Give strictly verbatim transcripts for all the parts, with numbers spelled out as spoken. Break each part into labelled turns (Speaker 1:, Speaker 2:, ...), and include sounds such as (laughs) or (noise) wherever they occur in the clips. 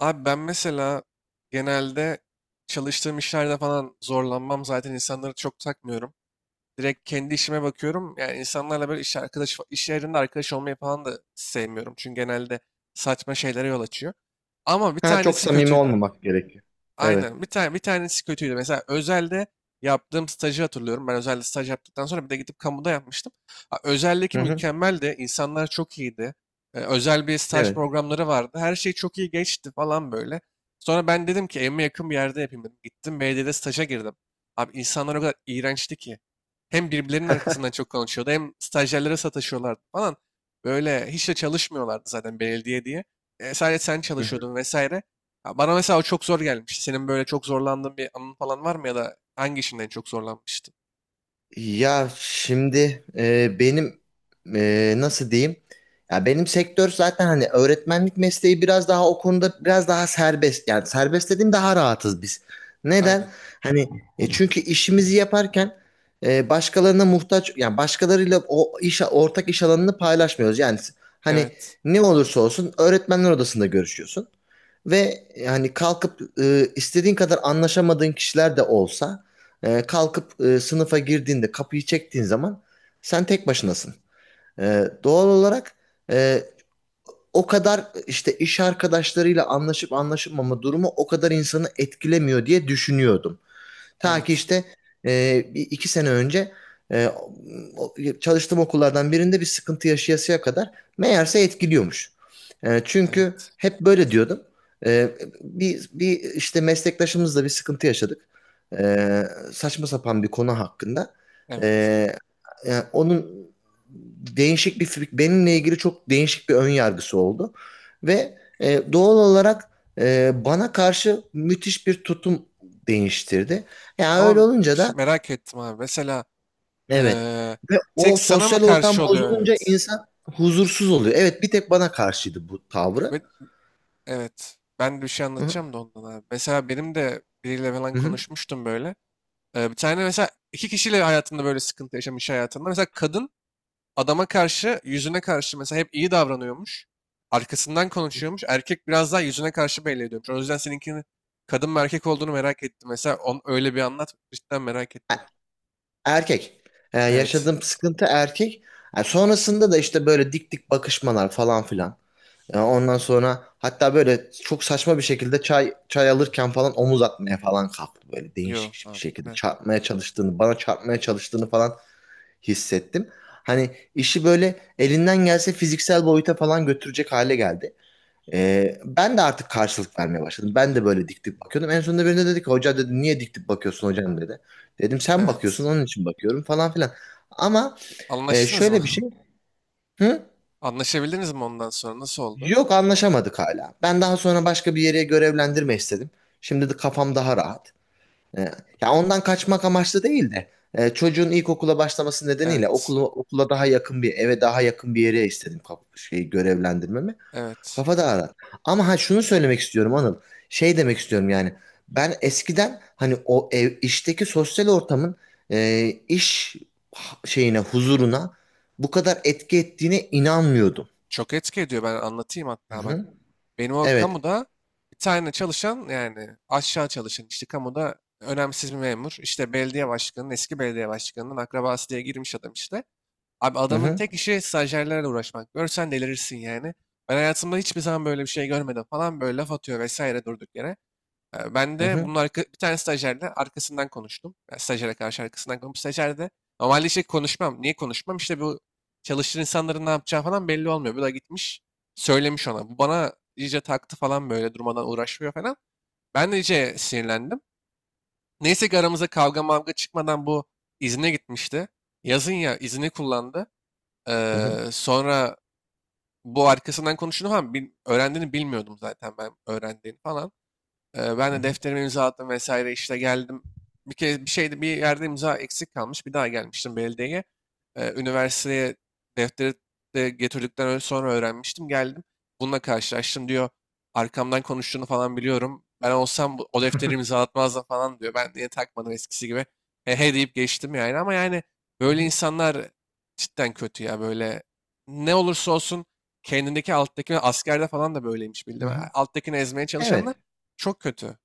Speaker 1: Abi ben mesela genelde çalıştığım işlerde falan zorlanmam. Zaten insanları çok takmıyorum. Direkt kendi işime bakıyorum. Yani insanlarla böyle iş arkadaş, iş yerinde arkadaş olmayı falan da sevmiyorum. Çünkü genelde saçma şeylere yol açıyor. Ama bir
Speaker 2: Ha, çok
Speaker 1: tanesi
Speaker 2: samimi
Speaker 1: kötüydü.
Speaker 2: olmamak gerekiyor. Evet.
Speaker 1: Aynen. Bir tane bir tanesi kötüydü. Mesela özelde yaptığım stajı hatırlıyorum. Ben özelde staj yaptıktan sonra bir de gidip kamuda yapmıştım. Ha, Özeldeki
Speaker 2: Hı hı.
Speaker 1: mükemmeldi. İnsanlar çok iyiydi. Ee, özel bir staj
Speaker 2: Evet.
Speaker 1: programları vardı. Her şey çok iyi geçti falan böyle. Sonra ben dedim ki evime yakın bir yerde yapayım dedim. Gittim belediyede staja girdim. Abi insanlar o kadar iğrençti ki. Hem birbirlerinin
Speaker 2: (laughs)
Speaker 1: arkasından çok konuşuyordu hem stajyerlere sataşıyorlardı falan. Böyle hiç de çalışmıyorlardı zaten belediye diye. E, sadece sen
Speaker 2: Hı hı.
Speaker 1: çalışıyordun vesaire. Ya, bana mesela o çok zor gelmişti. Senin böyle çok zorlandığın bir anın falan var mı, ya da hangi işinden en çok zorlanmıştın?
Speaker 2: Ya şimdi e, benim e, nasıl diyeyim? Ya benim sektör zaten hani öğretmenlik mesleği biraz daha o konuda biraz daha serbest. Yani serbest dediğim daha rahatız biz. Neden?
Speaker 1: Aynen.
Speaker 2: Hani e, çünkü işimizi yaparken e, başkalarına muhtaç yani başkalarıyla o iş ortak iş alanını paylaşmıyoruz. Yani hani
Speaker 1: Evet.
Speaker 2: ne olursa olsun öğretmenler odasında görüşüyorsun. Ve yani kalkıp e, istediğin kadar anlaşamadığın kişiler de olsa e, kalkıp e, sınıfa girdiğinde kapıyı çektiğin zaman sen tek başınasın. E, doğal olarak e, o kadar işte iş arkadaşlarıyla anlaşıp anlaşılmama durumu o kadar insanı etkilemiyor diye düşünüyordum. Ta ki
Speaker 1: Evet.
Speaker 2: işte e, bir- iki sene önce e, o- çalıştığım okullardan birinde bir sıkıntı yaşayasıya kadar meğerse etkiliyormuş. E, çünkü
Speaker 1: Evet.
Speaker 2: hep böyle diyordum. E, bir, bir işte meslektaşımızla bir sıkıntı yaşadık. E, saçma sapan bir konu hakkında. E,
Speaker 1: Evet.
Speaker 2: yani onun değişik bir benimle ilgili çok değişik bir ön yargısı oldu ve e, doğal olarak e, bana karşı müthiş bir tutum değiştirdi. Yani öyle
Speaker 1: Ama
Speaker 2: olunca
Speaker 1: bir şey
Speaker 2: da
Speaker 1: merak ettim abi. Mesela
Speaker 2: evet
Speaker 1: eee,
Speaker 2: ve
Speaker 1: tek
Speaker 2: o
Speaker 1: sana mı
Speaker 2: sosyal
Speaker 1: karşı
Speaker 2: ortam
Speaker 1: oluyor?
Speaker 2: bozulunca
Speaker 1: Evet.
Speaker 2: insan huzursuz oluyor. Evet bir tek bana karşıydı bu tavrı.
Speaker 1: Ve- evet. Ben de bir şey
Speaker 2: Hı hı.
Speaker 1: anlatacağım da ondan abi. Mesela benim de biriyle falan
Speaker 2: Hı hı.
Speaker 1: konuşmuştum böyle. Ee, bir tane mesela iki kişiyle hayatında böyle sıkıntı yaşamış hayatında. Mesela kadın adama karşı, yüzüne karşı mesela hep iyi davranıyormuş. Arkasından konuşuyormuş. Erkek biraz daha yüzüne karşı belli ediyormuş. O yüzden seninkinin kadın mı erkek olduğunu merak ettim. Mesela on, öyle bir anlat. Cidden merak
Speaker 2: E-
Speaker 1: ettim.
Speaker 2: Erkek. E,
Speaker 1: Evet.
Speaker 2: yaşadığım sıkıntı erkek. E, sonrasında da işte böyle dik dik bakışmalar falan filan. Ya ondan sonra hatta böyle çok saçma bir şekilde çay çay alırken falan omuz atmaya falan kalktı böyle
Speaker 1: Yo.
Speaker 2: değişik bir
Speaker 1: Ha,
Speaker 2: şekilde
Speaker 1: bu ne?
Speaker 2: çarpmaya çalıştığını, bana çarpmaya çalıştığını falan hissettim. Hani işi böyle elinden gelse fiziksel boyuta falan götürecek hale geldi. Ee, ben de artık karşılık vermeye başladım. Ben de böyle dik dik bakıyordum. En sonunda birine dedi ki hoca dedi niye dik dik bakıyorsun hocam dedi. Dedim sen
Speaker 1: Evet.
Speaker 2: bakıyorsun onun için bakıyorum falan filan. Ama e,
Speaker 1: Anlaştınız mı?
Speaker 2: şöyle bir şey. Hı?
Speaker 1: (laughs) Anlaşabildiniz mi ondan sonra? Nasıl oldu?
Speaker 2: Yok, anlaşamadık hala. Ben daha sonra başka bir yere görevlendirme istedim. Şimdi de kafam daha rahat. Ee, ya ondan kaçmak amaçlı değil de e, çocuğun ilkokula başlaması nedeniyle
Speaker 1: Evet.
Speaker 2: okulu, okula daha yakın bir eve daha yakın bir yere istedim kaf- şeyi görevlendirmemi.
Speaker 1: Evet.
Speaker 2: Kafa daha rahat. Ama ha şunu söylemek istiyorum Anıl. Şey demek istiyorum yani. Ben eskiden hani o ev işteki sosyal ortamın e, iş ha- şeyine huzuruna bu kadar etki ettiğine inanmıyordum.
Speaker 1: Çok etki ediyor. Ben anlatayım
Speaker 2: Hı
Speaker 1: hatta bak.
Speaker 2: hı.
Speaker 1: Benim o
Speaker 2: Evet.
Speaker 1: kamuda bir tane çalışan, yani aşağı çalışan, işte kamuda önemsiz bir memur. İşte belediye başkanının, eski belediye başkanının akrabası diye girmiş adam işte. Abi
Speaker 2: Hı
Speaker 1: adamın
Speaker 2: hı.
Speaker 1: tek işi stajyerlerle uğraşmak. Görsen delirirsin yani. Ben hayatımda hiçbir zaman böyle bir şey görmedim, falan böyle laf atıyor vesaire durduk yere. Ee, Ben
Speaker 2: Hı
Speaker 1: de
Speaker 2: hı,
Speaker 1: bunun arka, bir tane stajyerle arkasından konuştum. Yani stajyere karşı arkasından konuştum. Stajyer de normalde işte konuşmam. Niye konuşmam? İşte bu çalıştığın insanların ne yapacağı falan belli olmuyor. Bu da gitmiş söylemiş ona. Bu bana iyice taktı falan, böyle durmadan uğraşmıyor falan. Ben de iyice sinirlendim. Neyse ki aramıza kavga mavga çıkmadan bu izne gitmişti. Yazın ya izni kullandı.
Speaker 2: hı hı,
Speaker 1: Ee, sonra bu arkasından konuştuğunu falan bil- öğrendiğini bilmiyordum zaten ben, öğrendiğini falan. Eee, ben
Speaker 2: hı
Speaker 1: de
Speaker 2: hı,
Speaker 1: defterime imza attım vesaire, işte geldim. Bir kez bir şeyde bir yerde imza eksik kalmış. Bir daha gelmiştim belediyeye. Eee, üniversiteye defteri de getirdikten ö- sonra öğrenmiştim. Geldim. Bununla karşılaştım diyor. Arkamdan konuştuğunu falan biliyorum, ben olsam bu- o defteri imzalatmazdım falan diyor. Ben niye takmadım eskisi gibi. He he deyip geçtim yani. Ama yani
Speaker 2: hı
Speaker 1: böyle
Speaker 2: hı.
Speaker 1: insanlar cidden kötü ya. Böyle ne olursa olsun kendindeki alttakine, askerde falan da böyleymiş
Speaker 2: Hı
Speaker 1: bildim.
Speaker 2: hı.
Speaker 1: Alttakini ezmeye çalışanlar
Speaker 2: Evet,
Speaker 1: çok kötü.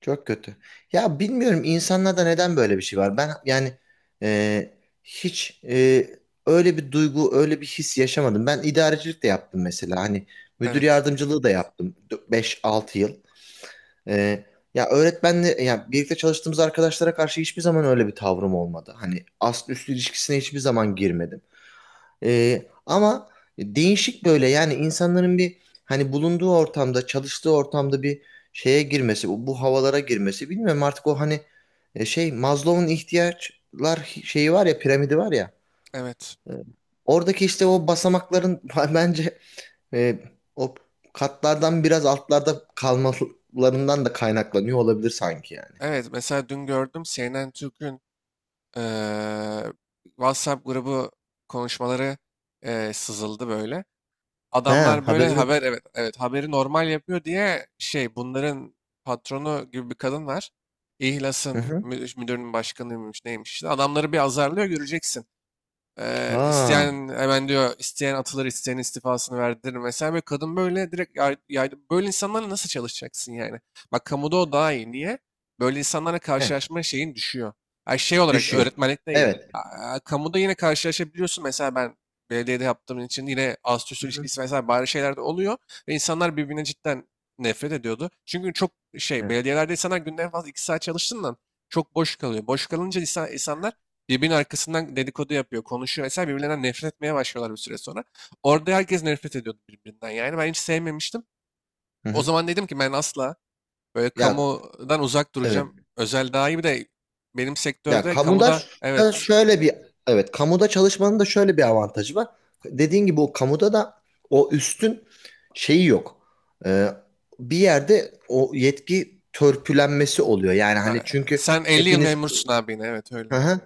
Speaker 2: çok kötü. Ya bilmiyorum insanlarda neden böyle bir şey var. Ben yani e, hiç e, öyle bir duygu, öyle bir his yaşamadım. Ben idarecilik de yaptım mesela. Hani müdür
Speaker 1: Evet.
Speaker 2: yardımcılığı da yaptım beş altı yıl. E, ya öğretmenle ya birlikte çalıştığımız arkadaşlara karşı hiçbir zaman öyle bir tavrım olmadı. Hani ast üst ilişkisine hiçbir zaman girmedim. Ee, ama değişik böyle yani insanların bir hani bulunduğu ortamda, çalıştığı ortamda bir şeye girmesi, bu, bu havalara girmesi bilmiyorum artık o hani e, şey Maslow'un ihtiyaçlar şeyi var ya, piramidi var ya.
Speaker 1: Evet.
Speaker 2: e, Oradaki işte o basamakların (laughs) bence e, o katlardan biraz altlarda kalmalarından da kaynaklanıyor olabilir sanki yani.
Speaker 1: Evet. Mesela dün gördüm C N N Türk'ün eee, WhatsApp grubu konuşmaları eee, sızıldı böyle.
Speaker 2: Ha,
Speaker 1: Adamlar böyle
Speaker 2: haberim
Speaker 1: haber,
Speaker 2: yok.
Speaker 1: evet evet, haberi normal yapıyor diye, şey bunların patronu gibi bir kadın var.
Speaker 2: Hı
Speaker 1: İhlas'ın
Speaker 2: hı.
Speaker 1: mü- müdürünün başkanıymış neymiş işte. Adamları bir azarlıyor, göreceksin. Eee,
Speaker 2: Ha,
Speaker 1: isteyen hemen diyor, isteyen atılır, isteyen istifasını verdirir. Mesela bir kadın böyle direkt yay, yaydı. Böyle insanlarla nasıl çalışacaksın yani? Bak kamuda o daha iyi. Niye? Böyle insanlarla
Speaker 2: he,
Speaker 1: karşılaşma şeyin düşüyor. Ay şey olarak
Speaker 2: düşüyor.
Speaker 1: öğretmenlik de iyi.
Speaker 2: Evet.
Speaker 1: Aa, kamuda yine karşılaşabiliyorsun. Mesela ben belediyede yaptığım için yine astüs
Speaker 2: Hı hı.
Speaker 1: ilişkisi vesaire bari şeyler de oluyor. Ve insanlar birbirine cidden nefret ediyordu. Çünkü çok şey,
Speaker 2: Evet.
Speaker 1: belediyelerde insanlar günde en fazla iki saat çalıştığından çok boş kalıyor. Boş kalınca insan, insanlar birbirinin arkasından dedikodu yapıyor, konuşuyor vesaire. Birbirlerinden nefret etmeye başlıyorlar bir süre sonra. Orada herkes nefret ediyordu birbirinden. Yani ben hiç sevmemiştim.
Speaker 2: Hı
Speaker 1: O
Speaker 2: hı.
Speaker 1: zaman dedim ki ben asla böyle
Speaker 2: Ya
Speaker 1: kamudan uzak
Speaker 2: evet.
Speaker 1: duracağım. Özel daha iyi, bir de benim
Speaker 2: Ya
Speaker 1: sektörde
Speaker 2: kamuda
Speaker 1: kamuda,
Speaker 2: ş- da
Speaker 1: evet,
Speaker 2: şöyle bir evet kamuda çalışmanın da şöyle bir avantajı var. Dediğin gibi o kamuda da o üstün şeyi yok. Ee, bir yerde o yetki törpülenmesi oluyor. Yani
Speaker 1: e,
Speaker 2: hani çünkü
Speaker 1: sen elli yıl
Speaker 2: hepiniz.
Speaker 1: memursun abi yine. Evet
Speaker 2: Hı
Speaker 1: öyle.
Speaker 2: hı.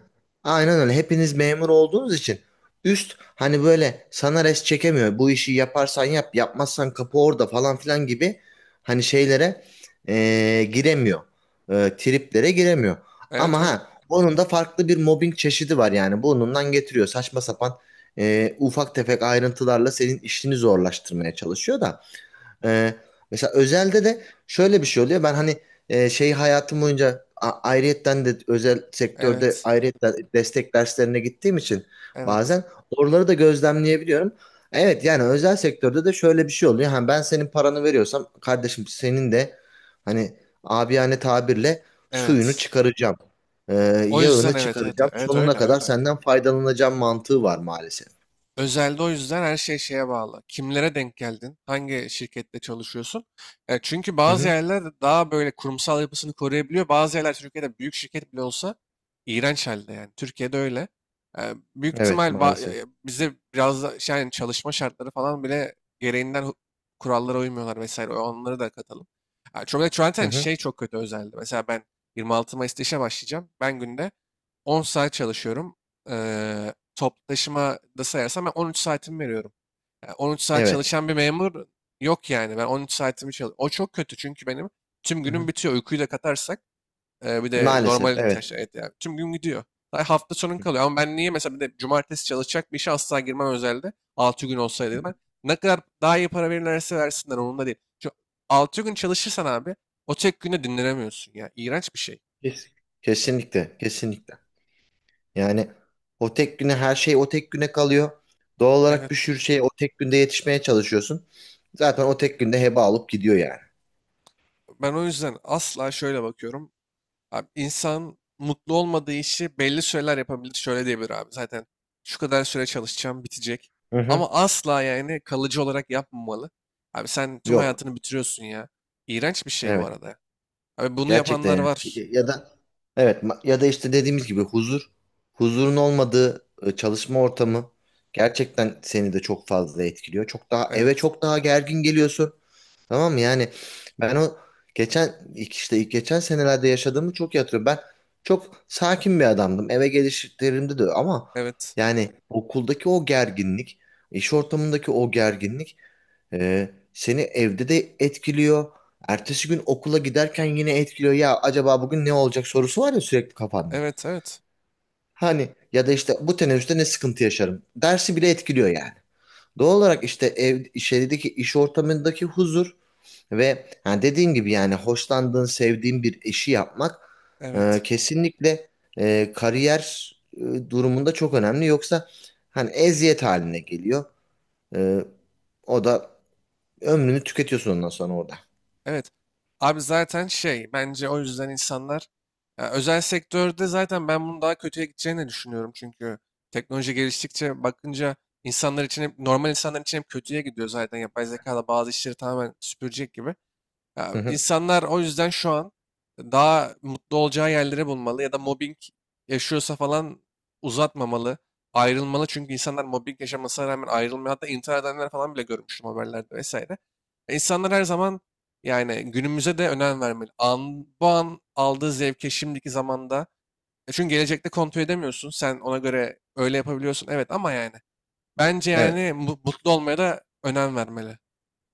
Speaker 2: Aynen öyle. Hepiniz memur olduğunuz için üst hani böyle sana res çekemiyor. Bu işi yaparsan yap, yapmazsan kapı orada falan filan gibi hani şeylere eee, giremiyor. Eee, triplere giremiyor.
Speaker 1: Evet
Speaker 2: Ama
Speaker 1: öyle.
Speaker 2: ha onun da farklı bir mobbing çeşidi var yani. Burnundan getiriyor. Saçma sapan eee, ufak tefek ayrıntılarla senin işini zorlaştırmaya çalışıyor da. Ee, mesela özelde de şöyle bir şey oluyor. Ben hani e, şey hayatım boyunca a- ayrıyetten de özel sektörde
Speaker 1: Evet.
Speaker 2: ayrıyetten destek derslerine gittiğim için
Speaker 1: Evet.
Speaker 2: bazen oraları da gözlemleyebiliyorum. Evet yani özel sektörde de şöyle bir şey oluyor. Hani ben senin paranı veriyorsam kardeşim senin de hani abiyane tabirle suyunu
Speaker 1: Evet.
Speaker 2: çıkaracağım. Ee,
Speaker 1: O yüzden
Speaker 2: yağını
Speaker 1: evet evet
Speaker 2: çıkaracağım.
Speaker 1: evet,
Speaker 2: Sonuna
Speaker 1: öyle
Speaker 2: kadar
Speaker 1: öyle.
Speaker 2: senden faydalanacağım mantığı var maalesef.
Speaker 1: Özelde o yüzden her şey şeye bağlı. Kimlere denk geldin? Hangi şirkette çalışıyorsun? E, çünkü
Speaker 2: Hı
Speaker 1: bazı
Speaker 2: hı.
Speaker 1: yerler daha böyle kurumsal yapısını koruyabiliyor. Bazı yerler Türkiye'de büyük şirket bile olsa iğrenç halde yani. Türkiye'de öyle. E, Büyük ihtimal
Speaker 2: Evet,
Speaker 1: ba-
Speaker 2: maalesef.
Speaker 1: e, bize biraz da şey, yani çalışma şartları falan bile gereğinden hu- kurallara uymuyorlar vesaire. Onları da katalım. E, çok
Speaker 2: Hı
Speaker 1: zaten
Speaker 2: hı.
Speaker 1: şey, çok kötü özelde. Mesela ben yirmi altı Mayıs'ta işe başlayacağım. Ben günde on saat çalışıyorum. E, Toplu taşıma da sayarsam ben on üç saatimi veriyorum. Yani on üç saat
Speaker 2: Evet.
Speaker 1: çalışan bir memur yok yani. Ben on üç saatimi çalışıyorum. O çok kötü çünkü benim tüm
Speaker 2: Hı
Speaker 1: günüm
Speaker 2: hı.
Speaker 1: bitiyor. Uykuyu da katarsak e, bir de
Speaker 2: Maalesef
Speaker 1: normal
Speaker 2: evet.
Speaker 1: ihtiyaçlar, evet yani. Tüm gün gidiyor. Daha hafta sonun kalıyor. Ama ben niye mesela, bir de cumartesi çalışacak bir işe asla girmem özelde. Altı gün olsaydı dedim ben. Ne kadar daha iyi para verirlerse versinler, onun da değil. Şu altı gün çalışırsan abi, o tek günde dinlenemiyorsun ya. İğrenç bir şey.
Speaker 2: Kes- Kesinlikle, kesinlikle. Yani o tek güne her şey o tek güne kalıyor. Doğal olarak bir
Speaker 1: Evet.
Speaker 2: sürü şey o tek günde yetişmeye çalışıyorsun. Zaten o tek günde heba alıp gidiyor yani.
Speaker 1: Ben o yüzden asla şöyle bakıyorum. Abi insan mutlu olmadığı işi belli süreler yapabilir. Şöyle diyebilir abi, zaten şu kadar süre çalışacağım, bitecek.
Speaker 2: Hı hı.
Speaker 1: Ama asla yani kalıcı olarak yapmamalı. Abi sen tüm
Speaker 2: Yok.
Speaker 1: hayatını bitiriyorsun ya. İğrenç bir şey bu
Speaker 2: Evet.
Speaker 1: arada. Abi bunu
Speaker 2: Gerçekten
Speaker 1: yapanlar
Speaker 2: yani.
Speaker 1: var.
Speaker 2: Ya da evet ma- ya da işte
Speaker 1: Evet,
Speaker 2: dediğimiz gibi huzur huzurun olmadığı e, çalışma ortamı gerçekten seni de çok fazla etkiliyor. Çok daha eve
Speaker 1: evet,
Speaker 2: çok daha gergin geliyorsun. Tamam mı? Yani ben o geçen işte geçen senelerde yaşadığımı çok iyi hatırlıyorum. Ben çok sakin bir adamdım. Eve gelişlerimde de öyle. Ama
Speaker 1: evet,
Speaker 2: yani okuldaki o gerginlik, iş ortamındaki o gerginlik e, seni evde de etkiliyor. Ertesi gün okula giderken yine etkiliyor. Ya acaba bugün ne olacak sorusu var ya sürekli kafanda.
Speaker 1: evet. Evet.
Speaker 2: Hani ya da işte bu teneffüste ne sıkıntı yaşarım. Dersi bile etkiliyor yani. Doğal olarak işte ev, şeydeki iş ortamındaki huzur ve ha dediğin gibi yani hoşlandığın, sevdiğin bir işi yapmak e,
Speaker 1: Evet.
Speaker 2: kesinlikle e, kariyer e, durumunda çok önemli. Yoksa hani eziyet haline geliyor. E, o da ömrünü tüketiyorsun ondan sonra orada.
Speaker 1: Evet. Abi zaten şey, bence o yüzden insanlar, ya özel sektörde zaten ben bunun daha kötüye gideceğini düşünüyorum. Çünkü teknoloji geliştikçe bakınca, insanlar için hep, normal insanlar için hep kötüye gidiyor zaten. Yapay zeka da bazı işleri tamamen süpürecek gibi. Ya,
Speaker 2: Hı hı.
Speaker 1: insanlar o yüzden şu an daha mutlu olacağı yerleri bulmalı, ya da mobbing yaşıyorsa falan uzatmamalı, ayrılmalı. Çünkü insanlar mobbing yaşamasına rağmen ayrılmıyor. Hatta intihar edenler falan bile görmüştüm haberlerde vesaire. E, İnsanlar her zaman yani günümüze de önem vermeli. An, bu an aldığı zevke, şimdiki zamanda. E, çünkü gelecekte kontrol edemiyorsun. Sen ona göre öyle yapabiliyorsun. Evet ama yani bence
Speaker 2: Evet.
Speaker 1: yani mu- mutlu olmaya da önem vermeli.